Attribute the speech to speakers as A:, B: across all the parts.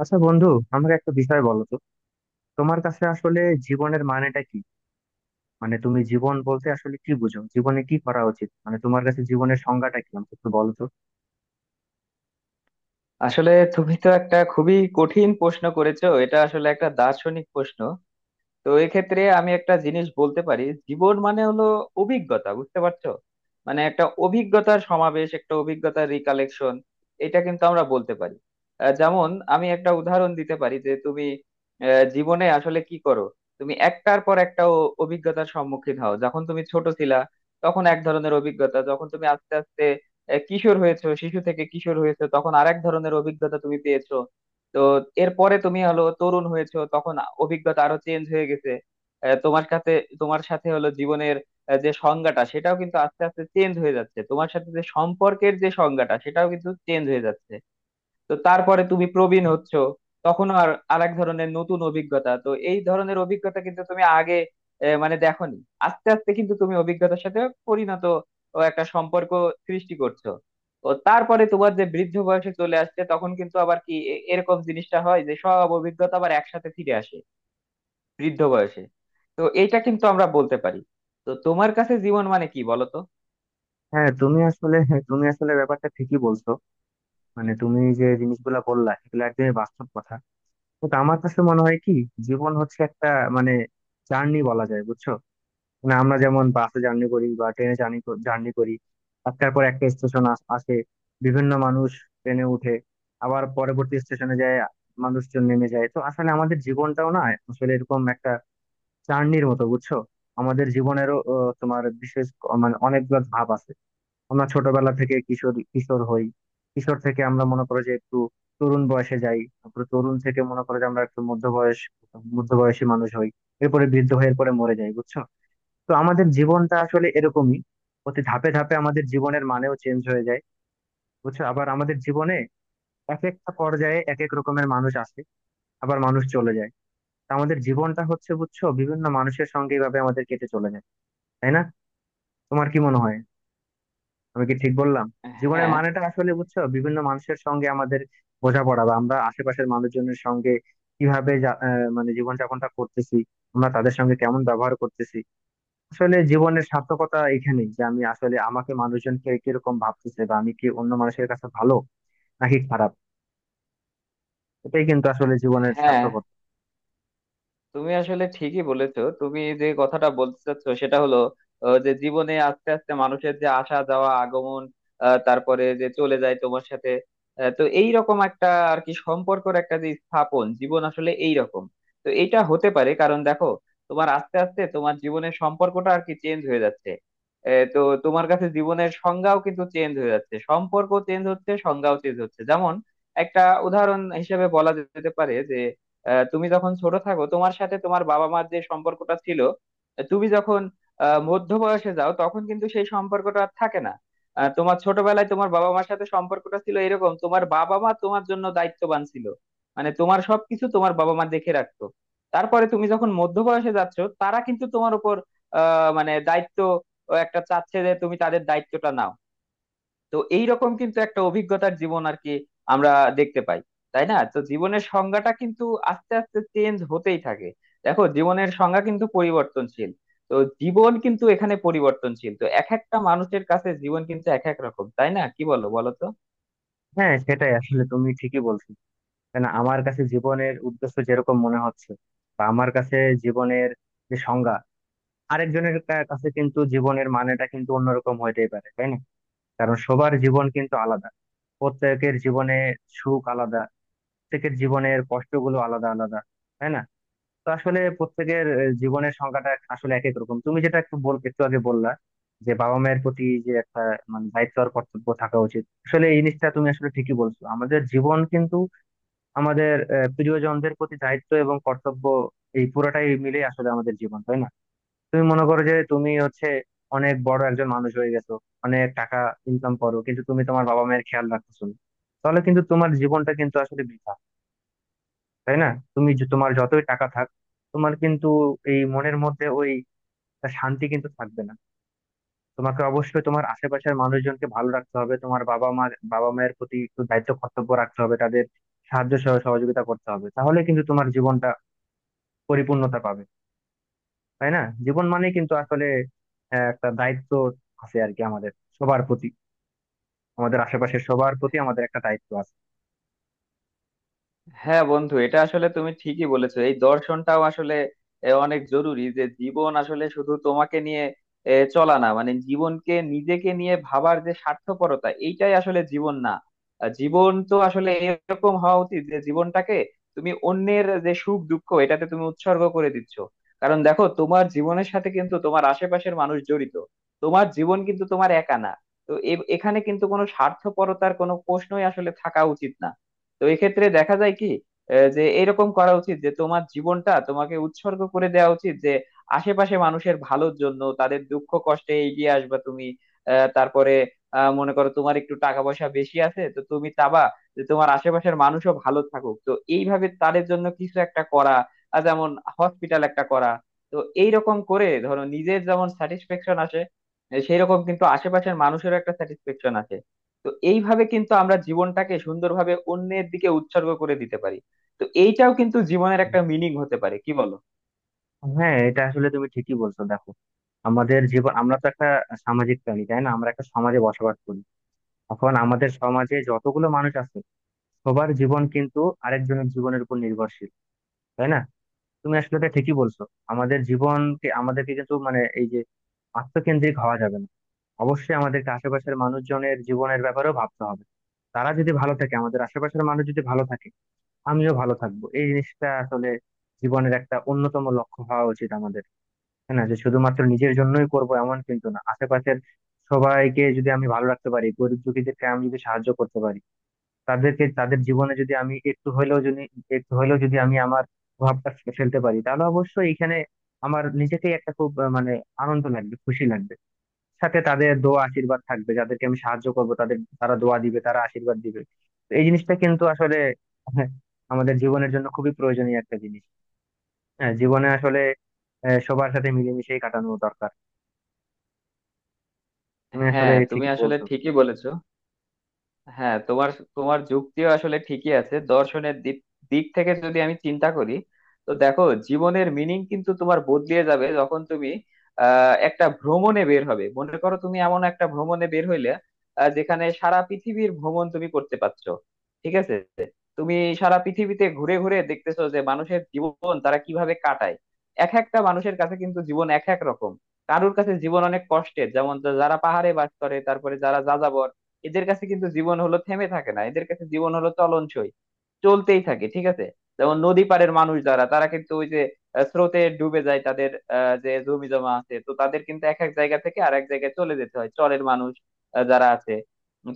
A: আচ্ছা বন্ধু, আমাকে একটা বিষয় বলো তো, তোমার কাছে আসলে জীবনের মানেটা কি? মানে তুমি জীবন বলতে আসলে কি বুঝো, জীবনে কি করা উচিত, মানে তোমার কাছে জীবনের সংজ্ঞাটা কি আমাকে একটু বলো তো।
B: আসলে তুমি তো একটা খুবই কঠিন প্রশ্ন করেছো। এটা আসলে একটা দার্শনিক প্রশ্ন। তো এক্ষেত্রে আমি একটা জিনিস বলতে পারি, জীবন মানে হলো অভিজ্ঞতা, বুঝতে পারছো? মানে একটা অভিজ্ঞতার সমাবেশ, একটা অভিজ্ঞতার রিকালেকশন, এটা কিন্তু আমরা বলতে পারি। যেমন আমি একটা উদাহরণ দিতে পারি যে তুমি জীবনে আসলে কি করো। তুমি একটার পর একটা অভিজ্ঞতার সম্মুখীন হও। যখন তুমি ছোট ছিলা তখন এক ধরনের অভিজ্ঞতা, যখন তুমি আস্তে আস্তে কিশোর হয়েছো, শিশু থেকে কিশোর হয়েছো, তখন আরেক ধরনের অভিজ্ঞতা তুমি পেয়েছো। তো এরপরে তুমি হলো তরুণ হয়েছো, তখন অভিজ্ঞতা আরো চেঞ্জ হয়ে গেছে। তোমার সাথে, তোমার সাথে হলো জীবনের যে সংজ্ঞাটা, সেটাও কিন্তু আস্তে আস্তে চেঞ্জ হয়ে যাচ্ছে। তোমার সাথে যে সম্পর্কের, যে সংজ্ঞাটা সেটাও কিন্তু চেঞ্জ হয়ে যাচ্ছে। তো তারপরে তুমি প্রবীণ হচ্ছ, তখন আর আরেক ধরনের নতুন অভিজ্ঞতা। তো এই ধরনের অভিজ্ঞতা কিন্তু তুমি আগে মানে দেখোনি। আস্তে আস্তে কিন্তু তুমি অভিজ্ঞতার সাথে পরিণত ও একটা সম্পর্ক সৃষ্টি করছো। ও তারপরে তোমার যে বৃদ্ধ বয়সে চলে আসছে, তখন কিন্তু আবার কি এরকম জিনিসটা হয় যে সব অভিজ্ঞতা আবার একসাথে ফিরে আসে বৃদ্ধ বয়সে। তো এইটা কিন্তু আমরা বলতে পারি। তো তোমার কাছে জীবন মানে কি বলো তো।
A: হ্যাঁ, তুমি আসলে ব্যাপারটা ঠিকই বলছো। মানে তুমি যে জিনিসগুলা বললা এগুলো একদমই বাস্তব কথা, কিন্তু আমার কাছে মনে হয় কি, জীবন হচ্ছে একটা, মানে, জার্নি বলা যায়, বুঝছো? মানে আমরা যেমন বাসে জার্নি করি বা ট্রেনে জার্নি জার্নি করি, একটার পর একটা স্টেশন আসে, বিভিন্ন মানুষ ট্রেনে উঠে, আবার পরবর্তী স্টেশনে যায়, মানুষজন নেমে যায়। তো আসলে আমাদের জীবনটাও না, আসলে এরকম একটা জার্নির মতো, বুঝছো? আমাদের জীবনেরও তোমার বিশেষ মানে অনেকগুলো ধাপ আছে। আমরা ছোটবেলা থেকে কিশোর কিশোর হই, কিশোর থেকে আমরা মনে করো যে একটু তরুণ বয়সে যাই, তারপরে তরুণ থেকে মনে করো যে আমরা একটু মধ্য বয়স, মধ্য বয়সী মানুষ হই, এরপরে বৃদ্ধ হয়ে এরপরে মরে যাই, বুঝছো? তো আমাদের জীবনটা আসলে এরকমই, প্রতি ধাপে ধাপে আমাদের জীবনের মানেও চেঞ্জ হয়ে যায়, বুঝছো? আবার আমাদের জীবনে এক একটা পর্যায়ে এক এক রকমের মানুষ আসে, আবার মানুষ চলে যায়। তা আমাদের জীবনটা হচ্ছে, বুঝছো, বিভিন্ন মানুষের সঙ্গে এভাবে আমাদের কেটে চলে যায়, তাই না? তোমার কি মনে হয়, আমি কি ঠিক বললাম? জীবনের
B: হ্যাঁ,
A: মানেটা আসলে, বুঝছো, বিভিন্ন মানুষের সঙ্গে আমাদের বোঝাপড়া, বা আমরা আশেপাশের মানুষজনের সঙ্গে কিভাবে মানে জীবনযাপনটা করতেছি, আমরা তাদের সঙ্গে কেমন ব্যবহার করতেছি। আসলে জীবনের সার্থকতা এখানেই যে আমি আসলে, আমাকে মানুষজন কে কিরকম ভাবতেছে, বা আমি কি অন্য মানুষের কাছে ভালো নাকি খারাপ, এটাই কিন্তু আসলে জীবনের
B: হ্যাঁ,
A: সার্থকতা।
B: তুমি আসলে ঠিকই বলেছো। তুমি যে কথাটা বলতে চাচ্ছ সেটা হলো যে জীবনে আস্তে আস্তে মানুষের যে আসা যাওয়া আগমন, তারপরে যে চলে যায় তোমার সাথে। তো এই রকম একটা আর কি সম্পর্কের একটা যে স্থাপন, জীবন আসলে এই রকম। তো এটা হতে পারে, কারণ দেখো তোমার আস্তে আস্তে তোমার জীবনের সম্পর্কটা আর কি চেঞ্জ হয়ে যাচ্ছে। তো তোমার কাছে জীবনের সংজ্ঞাও কিন্তু চেঞ্জ হয়ে যাচ্ছে। সম্পর্ক চেঞ্জ হচ্ছে, সংজ্ঞাও চেঞ্জ হচ্ছে। যেমন একটা উদাহরণ হিসেবে বলা যেতে পারে যে তুমি যখন ছোট থাকো, তোমার সাথে তোমার বাবা মার যে সম্পর্কটা ছিল, তুমি যখন মধ্য বয়সে যাও তখন কিন্তু সেই সম্পর্কটা আর থাকে না। তোমার ছোটবেলায় তোমার বাবা মার সাথে সম্পর্কটা ছিল এরকম, তোমার বাবা মা তোমার জন্য দায়িত্ববান ছিল, মানে তোমার সবকিছু তোমার বাবা মা দেখে রাখতো। তারপরে তুমি যখন মধ্য বয়সে যাচ্ছ, তারা কিন্তু তোমার উপর মানে দায়িত্ব একটা চাচ্ছে যে তুমি তাদের দায়িত্বটা নাও। তো এইরকম কিন্তু একটা অভিজ্ঞতার জীবন আর কি আমরা দেখতে পাই, তাই না? তো জীবনের সংজ্ঞাটা কিন্তু আস্তে আস্তে চেঞ্জ হতেই থাকে। দেখো, জীবনের সংজ্ঞা কিন্তু পরিবর্তনশীল। তো জীবন কিন্তু এখানে পরিবর্তনশীল। তো এক একটা মানুষের কাছে জীবন কিন্তু এক এক রকম, তাই না? কি বলো, বলো তো।
A: হ্যাঁ সেটাই, আসলে তুমি ঠিকই বলছো। কেন আমার কাছে জীবনের উদ্দেশ্য যেরকম মনে হচ্ছে, বা আমার কাছে জীবনের যে সংজ্ঞা, আরেকজনের কাছে কিন্তু জীবনের মানেটা কিন্তু অন্যরকম হইতেই পারে, তাই না? কারণ সবার জীবন কিন্তু আলাদা, প্রত্যেকের জীবনে সুখ আলাদা, প্রত্যেকের জীবনের কষ্টগুলো আলাদা আলাদা, তাই না? তো আসলে প্রত্যেকের জীবনের সংখ্যাটা আসলে এক এক রকম। তুমি যেটা একটু বল, একটু আগে বললা যে বাবা মায়ের প্রতি যে একটা, মানে, দায়িত্ব আর কর্তব্য থাকা উচিত, আসলে এই জিনিসটা তুমি আসলে ঠিকই বলছো। আমাদের জীবন কিন্তু আমাদের প্রিয়জনদের প্রতি দায়িত্ব এবং কর্তব্য, এই পুরোটাই মিলে আসলে আমাদের জীবন, তাই না? তুমি মনে করো যে তুমি হচ্ছে অনেক বড় একজন মানুষ হয়ে গেছো, অনেক টাকা ইনকাম করো, কিন্তু তুমি তোমার বাবা মায়ের খেয়াল রাখতেছো না, তাহলে কিন্তু তোমার জীবনটা কিন্তু আসলে বৃথা, তাই না? তুমি তোমার যতই টাকা থাক, তোমার কিন্তু এই মনের মধ্যে ওই শান্তি কিন্তু থাকবে না। তোমাকে অবশ্যই তোমার আশেপাশের মানুষজনকে ভালো রাখতে হবে, তোমার বাবা মা, বাবা মায়ের প্রতি একটু দায়িত্ব কর্তব্য রাখতে হবে, তাদের সাহায্য সহ সহযোগিতা করতে হবে, তাহলে কিন্তু তোমার জীবনটা পরিপূর্ণতা পাবে, তাই না? জীবন মানে কিন্তু আসলে একটা দায়িত্ব আছে আর কি, আমাদের সবার প্রতি, আমাদের আশেপাশের সবার প্রতি আমাদের একটা দায়িত্ব আছে।
B: হ্যাঁ বন্ধু, এটা আসলে তুমি ঠিকই বলেছো। এই দর্শনটাও আসলে অনেক জরুরি যে জীবন আসলে শুধু তোমাকে নিয়ে চলা না। মানে জীবনকে নিজেকে নিয়ে ভাবার যে স্বার্থপরতা, এইটাই আসলে জীবন না। জীবন তো আসলে এরকম হওয়া উচিত যে জীবনটাকে তুমি অন্যের যে সুখ দুঃখ এটাতে তুমি উৎসর্গ করে দিচ্ছ। কারণ দেখো, তোমার জীবনের সাথে কিন্তু তোমার আশেপাশের মানুষ জড়িত। তোমার জীবন কিন্তু তোমার একা না। তো এখানে কিন্তু কোনো স্বার্থপরতার কোনো প্রশ্নই আসলে থাকা উচিত না। তো এই ক্ষেত্রে দেখা যায় কি যে এরকম করা উচিত যে তোমার জীবনটা তোমাকে উৎসর্গ করে দেওয়া উচিত যে আশেপাশে মানুষের ভালোর জন্য তাদের দুঃখ কষ্টে এগিয়ে আসবা তুমি। তারপরে মনে করো তোমার একটু টাকা পয়সা বেশি আছে, তো তুমি চাবা যে তোমার আশেপাশের মানুষও ভালো থাকুক। তো এইভাবে তাদের জন্য কিছু একটা করা, আর যেমন হসপিটাল একটা করা। তো এইরকম করে ধরো, নিজের যেমন স্যাটিসফ্যাকশন আসে, সেই রকম কিন্তু আশেপাশের মানুষেরও একটা স্যাটিসফ্যাকশন আসে। তো এইভাবে কিন্তু আমরা জীবনটাকে সুন্দরভাবে অন্যের দিকে উৎসর্গ করে দিতে পারি। তো এইটাও কিন্তু জীবনের একটা মিনিং হতে পারে, কি বলো।
A: হ্যাঁ, এটা আসলে তুমি ঠিকই বলছো। দেখো, আমাদের জীবন, আমরা তো একটা সামাজিক প্রাণী, তাই না? আমরা একটা সমাজে বসবাস করি, এখন আমাদের সমাজে যতগুলো মানুষ আছে, সবার জীবন কিন্তু আরেকজনের জীবনের উপর নির্ভরশীল, তাই না? তুমি আসলে এটা ঠিকই বলছো। আমাদের জীবনকে, আমাদেরকে কিন্তু, মানে, এই যে আত্মকেন্দ্রিক হওয়া যাবে না, অবশ্যই আমাদেরকে আশেপাশের মানুষজনের জীবনের ব্যাপারেও ভাবতে হবে। তারা যদি ভালো থাকে, আমাদের আশেপাশের মানুষ যদি ভালো থাকে, আমিও ভালো থাকবো, এই জিনিসটা আসলে জীবনের একটা অন্যতম লক্ষ্য হওয়া উচিত আমাদের। হ্যাঁ, না যে শুধুমাত্র নিজের জন্যই করব এমন কিন্তু না, আশেপাশের সবাইকে যদি আমি ভালো রাখতে পারি, গরিব দুঃখীদেরকে আমি যদি সাহায্য করতে পারি, তাদেরকে, তাদের জীবনে যদি আমি একটু হলেও যদি, একটু হলেও যদি আমি আমার প্রভাবটা ফেলতে পারি, তাহলে অবশ্যই এখানে আমার নিজেকেই একটা খুব মানে আনন্দ লাগবে, খুশি লাগবে, সাথে তাদের দোয়া আশীর্বাদ থাকবে। যাদেরকে আমি সাহায্য করব তাদের, তারা দোয়া দিবে, তারা আশীর্বাদ দিবে, তো এই জিনিসটা কিন্তু আসলে হ্যাঁ, আমাদের জীবনের জন্য খুবই প্রয়োজনীয় একটা জিনিস। হ্যাঁ, জীবনে আসলে সবার সাথে মিলেমিশেই কাটানো দরকার। তুমি আসলে
B: হ্যাঁ, তুমি
A: ঠিকই
B: আসলে
A: বলছো।
B: ঠিকই বলেছো। হ্যাঁ, তোমার তোমার যুক্তিও আসলে ঠিকই আছে। দর্শনের দিক দিক থেকে যদি আমি চিন্তা করি, তো দেখো জীবনের মিনিং কিন্তু তোমার বদলিয়ে যাবে যখন তুমি একটা ভ্রমণে বের হবে। মনে করো তুমি এমন একটা ভ্রমণে বের হইলে যেখানে সারা পৃথিবীর ভ্রমণ তুমি করতে পারছো, ঠিক আছে। তুমি সারা পৃথিবীতে ঘুরে ঘুরে দেখতেছো যে মানুষের জীবন তারা কিভাবে কাটায়। এক একটা মানুষের কাছে কিন্তু জীবন এক এক রকম। কারুর কাছে জীবন অনেক কষ্টের, যেমন যারা পাহাড়ে বাস করে, তারপরে যারা যাযাবর, এদের কাছে কিন্তু জীবন হলো থেমে থাকে না, এদের কাছে জীবন হলো চলনসই, চলতেই থাকে, ঠিক আছে। যেমন নদী পাড়ের মানুষ যারা, তারা কিন্তু ওই যে স্রোতে ডুবে যায় তাদের যে জমি জমা আছে, তো তাদের কিন্তু এক এক জায়গা থেকে আর এক জায়গায় চলে যেতে হয়। চরের মানুষ যারা আছে,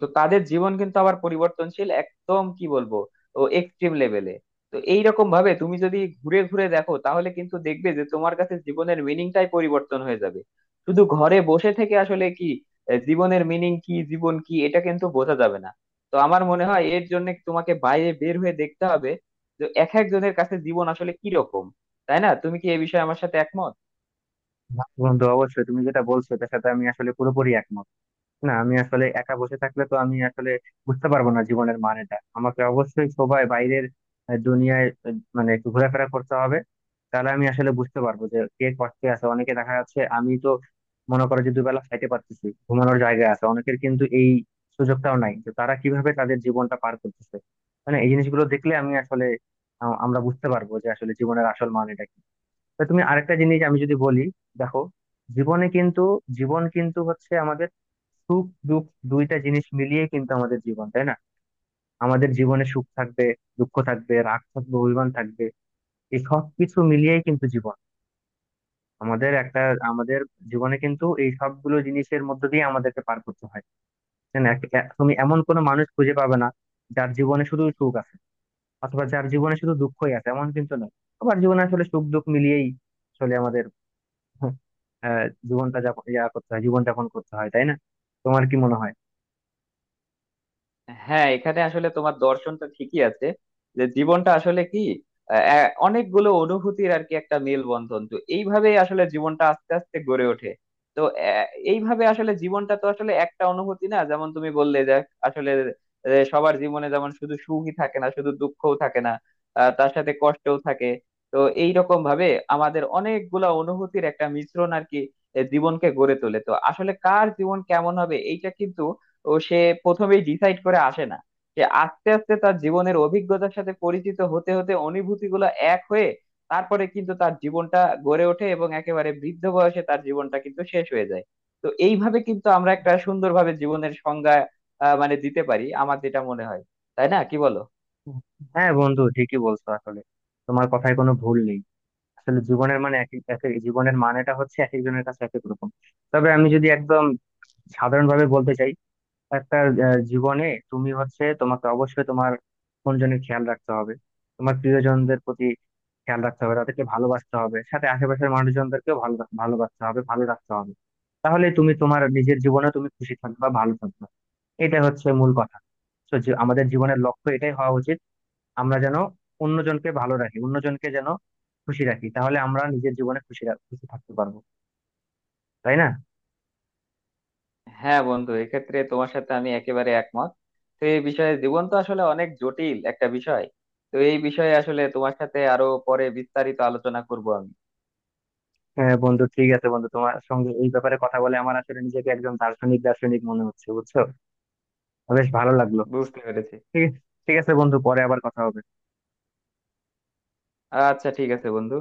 B: তো তাদের জীবন কিন্তু আবার পরিবর্তনশীল একদম কি বলবো ও এক্সট্রিম লেভেলে। তো এইরকম ভাবে তুমি যদি ঘুরে ঘুরে দেখো তাহলে কিন্তু দেখবে যে তোমার কাছে জীবনের মিনিংটাই পরিবর্তন হয়ে যাবে। শুধু ঘরে বসে থেকে আসলে কি জীবনের মিনিং কি, জীবন কি, এটা কিন্তু বোঝা যাবে না। তো আমার মনে হয় এর জন্য তোমাকে বাইরে বের হয়ে দেখতে হবে যে এক একজনের কাছে জীবন আসলে কি রকম। তাই না? তুমি কি এই বিষয়ে আমার সাথে একমত?
A: বন্ধু, অবশ্যই তুমি যেটা বলছো এটার সাথে আমি আসলে পুরোপুরি একমত। না, আমি আসলে একা বসে থাকলে তো আমি আসলে বুঝতে পারবো না জীবনের মানেটা, আমাকে অবশ্যই সবাই বাইরের দুনিয়ায় মানে একটু ঘোরাফেরা করতে হবে। তাহলে আমি আসলে বুঝতে পারবো যে কে কষ্টে আছে, অনেকে দেখা যাচ্ছে, আমি তো মনে করো যে দুবেলা খাইতে পারতেছি, ঘুমানোর জায়গা আছে, অনেকের কিন্তু এই সুযোগটাও নাই যে তারা কিভাবে তাদের জীবনটা পার করতেছে। মানে এই জিনিসগুলো দেখলে আমি আসলে আমরা বুঝতে পারবো যে আসলে জীবনের আসল মানেটা কি। তা তুমি আরেকটা জিনিস, আমি যদি বলি, দেখো, জীবনে কিন্তু, জীবন কিন্তু হচ্ছে আমাদের সুখ দুঃখ, দুইটা জিনিস মিলিয়ে কিন্তু আমাদের জীবন, তাই না? আমাদের জীবনে সুখ থাকবে, দুঃখ থাকবে, রাগ থাকবে, অভিমান থাকবে, এই সব কিছু মিলিয়েই কিন্তু জীবন আমাদের একটা, আমাদের জীবনে কিন্তু এই সবগুলো জিনিসের মধ্য দিয়ে আমাদেরকে পার করতে হয়, তাই না? তুমি এমন কোনো মানুষ খুঁজে পাবে না যার জীবনে শুধু সুখ আছে, অথবা যার জীবনে শুধু দুঃখই আছে, এমন কিন্তু নয়। সবার জীবনে আসলে সুখ দুঃখ মিলিয়েই চলে আমাদের। আহ, জীবনটা যাপন করতে হয়, জীবন যাপন করতে হয়, তাই না? তোমার কি মনে হয়?
B: হ্যাঁ, এখানে আসলে তোমার দর্শনটা ঠিকই আছে যে জীবনটা আসলে কি অনেকগুলো অনুভূতির আর কি একটা মেলবন্ধন। তো এইভাবেই আসলে জীবনটা আস্তে আস্তে গড়ে ওঠে। তো আহ, এইভাবে আসলে জীবনটা তো আসলে একটা অনুভূতি না। যেমন তুমি বললে যে আসলে সবার জীবনে যেমন শুধু সুখই থাকে না, শুধু দুঃখও থাকে না, তার সাথে কষ্টও থাকে। তো এইরকম ভাবে আমাদের অনেকগুলা অনুভূতির একটা মিশ্রণ আর কি জীবনকে গড়ে তোলে। তো আসলে কার জীবন কেমন হবে এইটা কিন্তু ও সে প্রথমেই ডিসাইড করে আসে না। সে আস্তে আস্তে তার জীবনের অভিজ্ঞতার সাথে পরিচিত হতে হতে অনুভূতি গুলো এক হয়ে, তারপরে কিন্তু তার জীবনটা গড়ে ওঠে এবং একেবারে বৃদ্ধ বয়সে তার জীবনটা কিন্তু শেষ হয়ে যায়। তো এইভাবে কিন্তু আমরা একটা সুন্দরভাবে জীবনের সংজ্ঞা মানে দিতে পারি আমার যেটা মনে হয়। তাই না, কি বলো।
A: হ্যাঁ বন্ধু, ঠিকই বলছো আসলে, তোমার কথায় কোনো ভুল নেই। আসলে জীবনের মানে এক এক, জীবনের মানেটা হচ্ছে এক একজনের কাছে এক এক রকম। তবে আমি যদি একদম সাধারণভাবে বলতে চাই, একটা জীবনে, তুমি হচ্ছে, তোমাকে অবশ্যই তোমার জনের খেয়াল রাখতে হবে, তোমার প্রিয়জনদের প্রতি খেয়াল রাখতে হবে, তাদেরকে ভালোবাসতে হবে, সাথে আশেপাশের মানুষজনদেরকেও ভালোবাসতে হবে, ভালো রাখতে হবে। তাহলে তুমি তোমার নিজের জীবনে তুমি খুশি থাকবা, ভালো থাকবা, এটা হচ্ছে মূল কথা। তো যে আমাদের জীবনের লক্ষ্য এটাই হওয়া উচিত, আমরা যেন অন্যজনকে ভালো রাখি, অন্যজনকে যেন খুশি রাখি, তাহলে আমরা নিজের জীবনে খুশি থাকতে পারবো, তাই না?
B: হ্যাঁ বন্ধু, এক্ষেত্রে তোমার সাথে আমি একেবারে একমত। তো এই বিষয়ে জীবন তো আসলে অনেক জটিল একটা বিষয়। তো এই বিষয়ে আসলে তোমার সাথে আরো পরে বিস্তারিত আলোচনা করব আমি।
A: হ্যাঁ বন্ধু, ঠিক আছে বন্ধু, তোমার সঙ্গে এই ব্যাপারে কথা বলে আমার আসলে নিজেকে একজন দার্শনিক দার্শনিক মনে হচ্ছে, বুঝছো? বেশ ভালো লাগলো।
B: বুঝতে পেরেছি।
A: ঠিক ঠিক আছে বন্ধু, পরে আবার কথা হবে।
B: আচ্ছা ঠিক আছে বন্ধু।